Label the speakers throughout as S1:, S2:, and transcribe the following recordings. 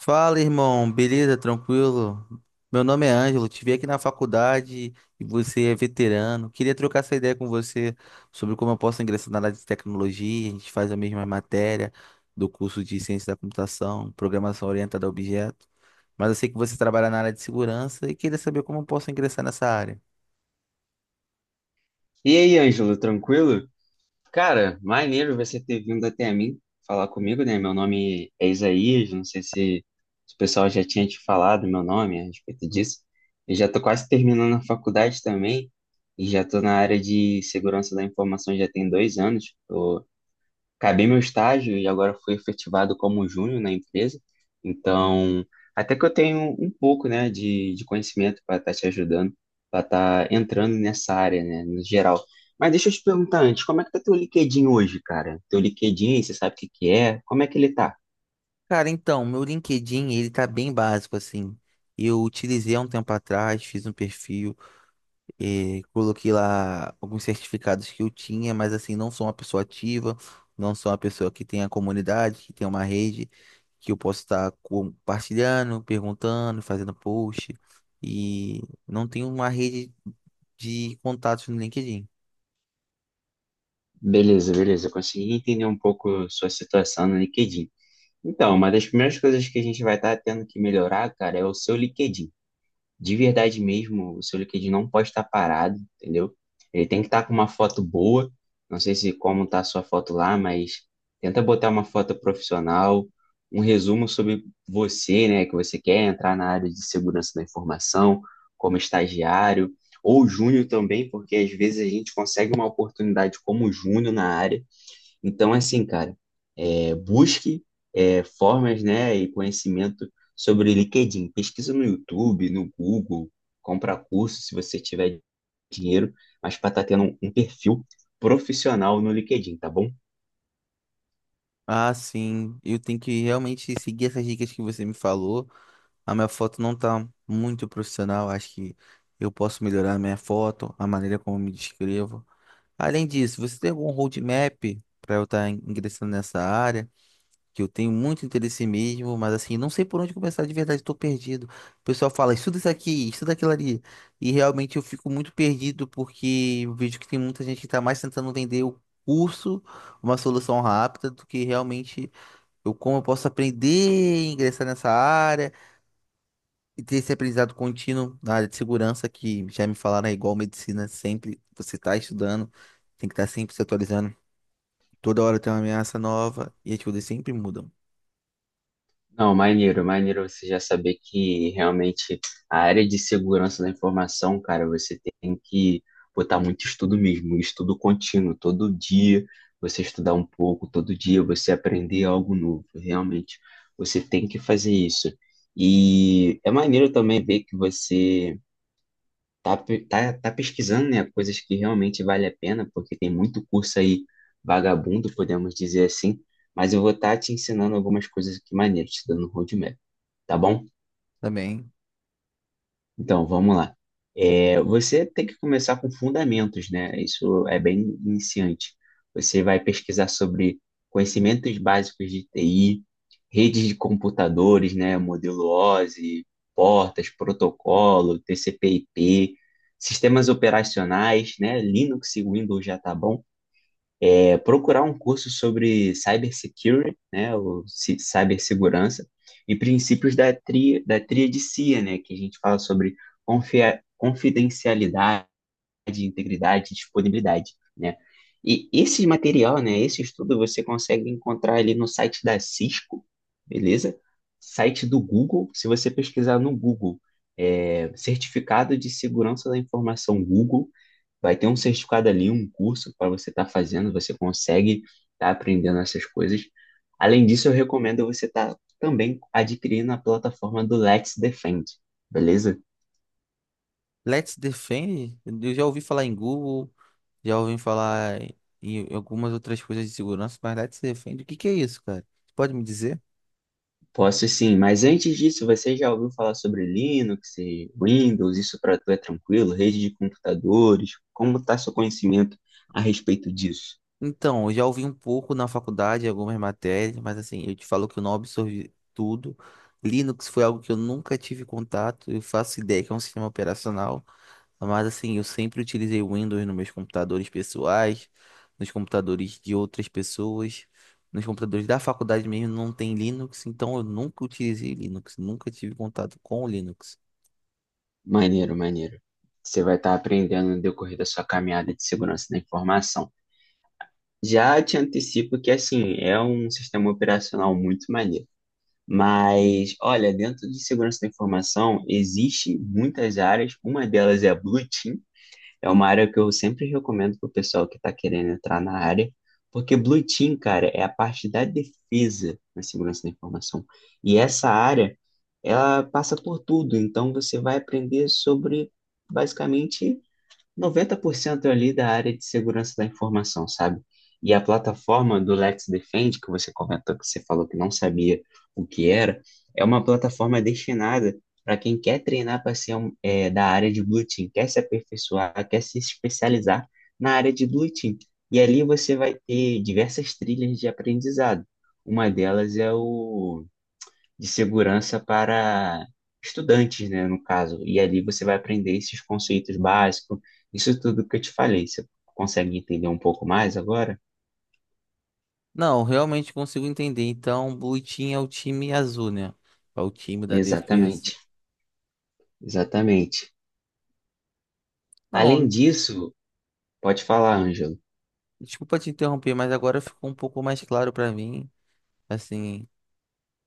S1: Fala, irmão, beleza? Tranquilo? Meu nome é Ângelo, te vi aqui na faculdade e você é veterano. Queria trocar essa ideia com você sobre como eu posso ingressar na área de tecnologia. A gente faz a mesma matéria do curso de Ciência da Computação, Programação Orientada a Objeto, mas eu sei que você trabalha na área de segurança e queria saber como eu posso ingressar nessa área.
S2: E aí, Ângelo, tranquilo? Cara, maneiro você ter vindo até mim falar comigo, né? Meu nome é Isaías, não sei se o pessoal já tinha te falado meu nome a respeito disso. Eu já tô quase terminando a faculdade também e já tô na área de segurança da informação já tem 2 anos, acabei meu estágio e agora fui efetivado como júnior na empresa. Então, até que eu tenho um pouco, né, de conhecimento para estar te ajudando, para estar entrando nessa área, né, no geral. Mas deixa eu te perguntar antes, como é que tá teu LinkedIn hoje, cara? Teu LinkedIn, você sabe o que que é? Como é que ele tá?
S1: Cara, então, meu LinkedIn, ele tá bem básico assim. Eu utilizei há um tempo atrás, fiz um perfil e coloquei lá alguns certificados que eu tinha, mas assim, não sou uma pessoa ativa, não sou uma pessoa que tem a comunidade, que tem uma rede, que eu posso estar compartilhando, perguntando, fazendo post. E não tenho uma rede de contatos no LinkedIn.
S2: Beleza, beleza, eu consegui entender um pouco sua situação no LinkedIn. Então, uma das primeiras coisas que a gente vai estar tendo que melhorar, cara, é o seu LinkedIn. De verdade mesmo, o seu LinkedIn não pode estar parado, entendeu? Ele tem que estar com uma foto boa. Não sei se como está a sua foto lá, mas tenta botar uma foto profissional, um resumo sobre você, né, que você quer entrar na área de segurança da informação, como estagiário ou júnior também, porque às vezes a gente consegue uma oportunidade como júnior na área. Então, assim, cara, busque formas, né, e conhecimento sobre LinkedIn. Pesquisa no YouTube, no Google, compra curso se você tiver dinheiro, mas para estar tendo um perfil profissional no LinkedIn, tá bom?
S1: Ah, sim, eu tenho que realmente seguir essas dicas que você me falou. A minha foto não tá muito profissional, acho que eu posso melhorar a minha foto, a maneira como eu me descrevo. Além disso, você tem algum roadmap para eu estar ingressando nessa área? Que eu tenho muito interesse mesmo, mas assim, não sei por onde começar de verdade, estou perdido. O pessoal fala, estuda isso aqui, estuda aquilo ali. E realmente eu fico muito perdido porque eu vejo que tem muita gente que está mais tentando vender o curso, uma solução rápida, do que realmente eu, como eu posso aprender e ingressar nessa área e ter esse aprendizado contínuo na área de segurança, que já me falaram, é igual medicina, sempre você está estudando, tem que estar sempre se atualizando. Toda hora tem uma ameaça nova e as coisas sempre mudam
S2: Não, maneiro, maneiro você já saber que realmente a área de segurança da informação, cara, você tem que botar muito estudo mesmo, estudo contínuo, todo dia você estudar um pouco, todo dia você aprender algo novo, realmente você tem que fazer isso. E é maneiro também ver que você tá pesquisando, né, coisas que realmente vale a pena, porque tem muito curso aí vagabundo, podemos dizer assim, mas eu vou estar te ensinando algumas coisas aqui maneiras, te dando roadmap. Tá bom?
S1: também.
S2: Então, vamos lá. Você tem que começar com fundamentos, né? Isso é bem iniciante. Você vai pesquisar sobre conhecimentos básicos de TI, redes de computadores, né? Modelo OSI, portas, protocolo, TCP/IP, sistemas operacionais, né? Linux e Windows já tá bom. É procurar um curso sobre cybersecurity, né, ou cibersegurança, e princípios da tríade CIA, né, que a gente fala sobre confidencialidade, integridade e disponibilidade, né. E esse material, né, esse estudo você consegue encontrar ali no site da Cisco, beleza? Site do Google, se você pesquisar no Google, certificado de segurança da informação Google, vai ter um certificado ali, um curso para você estar fazendo, você consegue estar aprendendo essas coisas. Além disso, eu recomendo você estar também adquirindo a plataforma do Let's Defend, beleza?
S1: Let's Defend, eu já ouvi falar em Google, já ouvi falar em algumas outras coisas de segurança, mas Let's Defend, o que que é isso, cara? Você pode me dizer?
S2: Posso sim, mas antes disso, você já ouviu falar sobre Linux e Windows? Isso para tu é tranquilo? Rede de computadores? Como está seu conhecimento a respeito disso?
S1: Então, eu já ouvi um pouco na faculdade, algumas matérias, mas assim, eu te falo que eu não absorvi tudo. Linux foi algo que eu nunca tive contato, eu faço ideia que é um sistema operacional. Mas assim, eu sempre utilizei o Windows nos meus computadores pessoais, nos computadores de outras pessoas, nos computadores da faculdade mesmo não tem Linux, então eu nunca utilizei Linux, nunca tive contato com o Linux.
S2: Maneiro, maneiro. Você vai estar aprendendo no decorrer da sua caminhada de segurança da informação. Já te antecipo que, assim, é um sistema operacional muito maneiro. Mas, olha, dentro de segurança da informação, existem muitas áreas. Uma delas é a Blue Team. É uma área que eu sempre recomendo para o pessoal que está querendo entrar na área. Porque Blue Team, cara, é a parte da defesa na segurança da informação. E essa área, ela passa por tudo. Então, você vai aprender sobre, basicamente, 90% ali da área de segurança da informação, sabe? E a plataforma do Let's Defend, que você comentou, que você falou que não sabia o que era, é uma plataforma destinada para quem quer treinar para ser um, da área de Blue Team, quer se aperfeiçoar, quer se especializar na área de Blue Team. E ali você vai ter diversas trilhas de aprendizado. Uma delas é o de segurança para estudantes, né, no caso. E ali você vai aprender esses conceitos básicos, isso tudo que eu te falei. Você consegue entender um pouco mais agora?
S1: Não, realmente consigo entender. Então, o Blue Team é o time azul, né? É o time da defesa.
S2: Exatamente, exatamente. Além
S1: Não,
S2: disso, pode falar, Ângelo.
S1: desculpa te interromper, mas agora ficou um pouco mais claro pra mim, assim,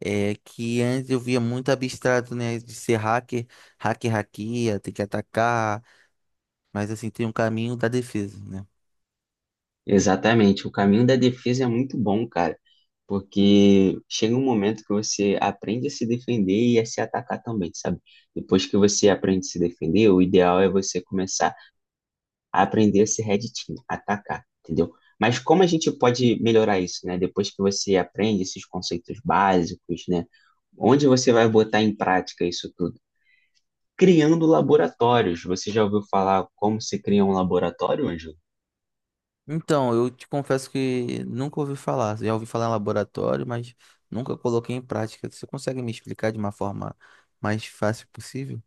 S1: é que antes eu via muito abstrato, né, de ser hacker, hacker hackeia, tem que atacar. Mas assim, tem um caminho da defesa, né?
S2: Exatamente, o caminho da defesa é muito bom, cara, porque chega um momento que você aprende a se defender e a se atacar também, sabe? Depois que você aprende a se defender, o ideal é você começar a aprender esse red team, atacar, entendeu? Mas como a gente pode melhorar isso, né? Depois que você aprende esses conceitos básicos, né? Onde você vai botar em prática isso tudo? Criando laboratórios. Você já ouviu falar como se cria um laboratório, Ângelo?
S1: Então, eu te confesso que nunca ouvi falar. Já ouvi falar em laboratório, mas nunca coloquei em prática. Você consegue me explicar de uma forma mais fácil possível?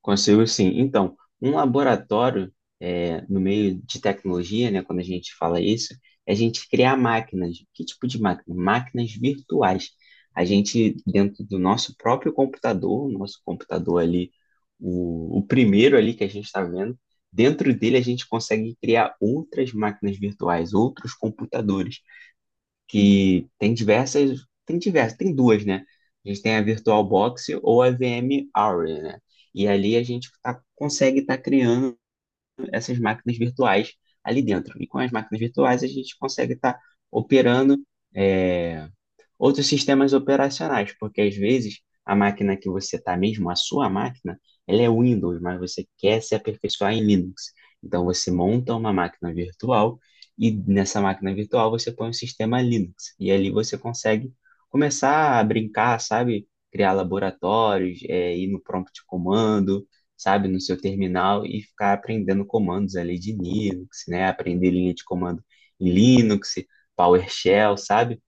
S2: Consigo sim. Então, um laboratório, no meio de tecnologia, né, quando a gente fala isso, é a gente criar máquinas. Que tipo de máquina? Máquinas virtuais. A gente, dentro do nosso próprio computador, o nosso computador ali, o primeiro ali que a gente está vendo, dentro dele a gente consegue criar outras máquinas virtuais, outros computadores que tem diversas, tem diversas, tem duas, né? A gente tem a VirtualBox ou a VM Aura, né? E ali consegue estar criando essas máquinas virtuais ali dentro. E com as máquinas virtuais a gente consegue estar operando é, outros sistemas operacionais, porque às vezes a máquina que você está mesmo, a sua máquina, ela é Windows, mas você quer se aperfeiçoar em Linux. Então você monta uma máquina virtual e nessa máquina virtual você põe o sistema Linux. E ali você consegue começar a brincar, sabe? Criar laboratórios, ir no prompt de comando, sabe? No seu terminal e ficar aprendendo comandos ali de Linux, né? Aprender linha de comando em Linux, PowerShell, sabe?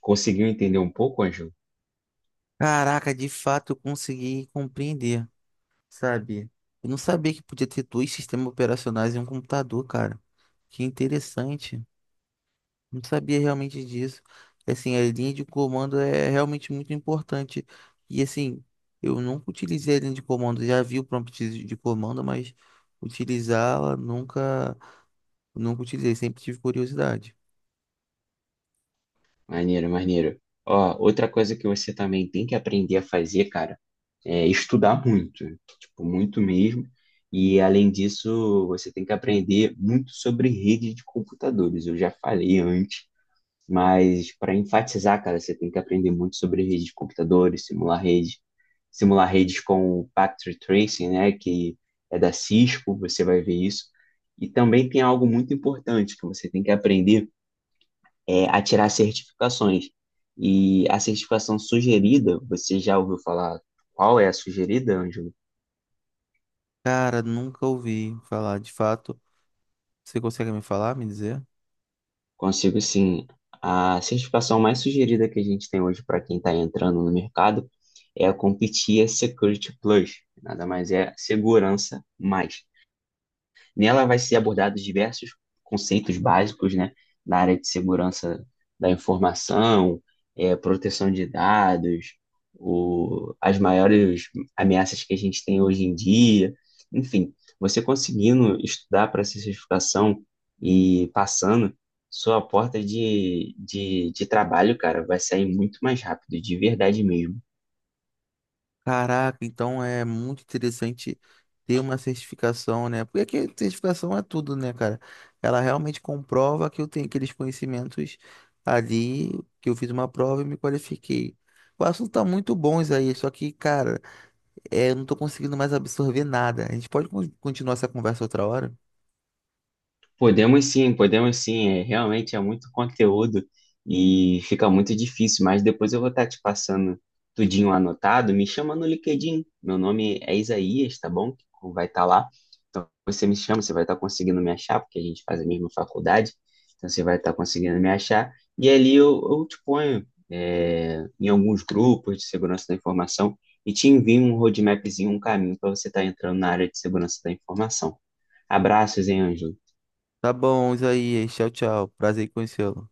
S2: Conseguiu entender um pouco, Ângelo?
S1: Caraca, de fato eu consegui compreender, sabe? Eu não sabia que podia ter dois sistemas operacionais em um computador, cara. Que interessante. Não sabia realmente disso. Assim, a linha de comando é realmente muito importante. E assim, eu nunca utilizei a linha de comando. Já vi o prompt de comando, mas utilizá-la nunca, nunca utilizei. Sempre tive curiosidade.
S2: Maneiro, maneiro. Ó, outra coisa que você também tem que aprender a fazer, cara, é estudar muito, tipo, muito mesmo. E além disso, você tem que aprender muito sobre rede de computadores. Eu já falei antes, mas para enfatizar, cara, você tem que aprender muito sobre rede de computadores, simular rede, simular redes com o Packet Tracing, né, que é da Cisco, você vai ver isso. E também tem algo muito importante que você tem que aprender a tirar certificações. E a certificação sugerida, você já ouviu falar qual é a sugerida, Ângelo?
S1: Cara, nunca ouvi falar. De fato, você consegue me falar, me dizer?
S2: Consigo sim. A certificação mais sugerida que a gente tem hoje para quem está entrando no mercado é a CompTIA Security Plus. Nada mais é segurança mais. Nela vai ser abordados diversos conceitos básicos, né, na área de segurança da informação, proteção de dados, o, as maiores ameaças que a gente tem hoje em dia, enfim, você conseguindo estudar para essa certificação e passando, sua porta de trabalho, cara, vai sair muito mais rápido, de verdade mesmo.
S1: Caraca, então é muito interessante ter uma certificação, né? Porque aqui, certificação é tudo, né, cara? Ela realmente comprova que eu tenho aqueles conhecimentos ali, que eu fiz uma prova e me qualifiquei. O assunto tá muito bom isso aí, só que, cara, é, eu não tô conseguindo mais absorver nada. A gente pode continuar essa conversa outra hora?
S2: Podemos sim, podemos sim. É, realmente é muito conteúdo e fica muito difícil, mas depois eu vou estar te passando tudinho anotado. Me chama no LinkedIn. Meu nome é Isaías, tá bom? Vai estar lá. Então você me chama, você vai estar conseguindo me achar, porque a gente faz a mesma faculdade. Então você vai estar conseguindo me achar. E ali eu te ponho em alguns grupos de segurança da informação e te envio um roadmapzinho, um caminho para você estar entrando na área de segurança da informação. Abraços, hein, Ângelo?
S1: Tá bom, Isaías. Tchau, tchau. Prazer em conhecê-lo.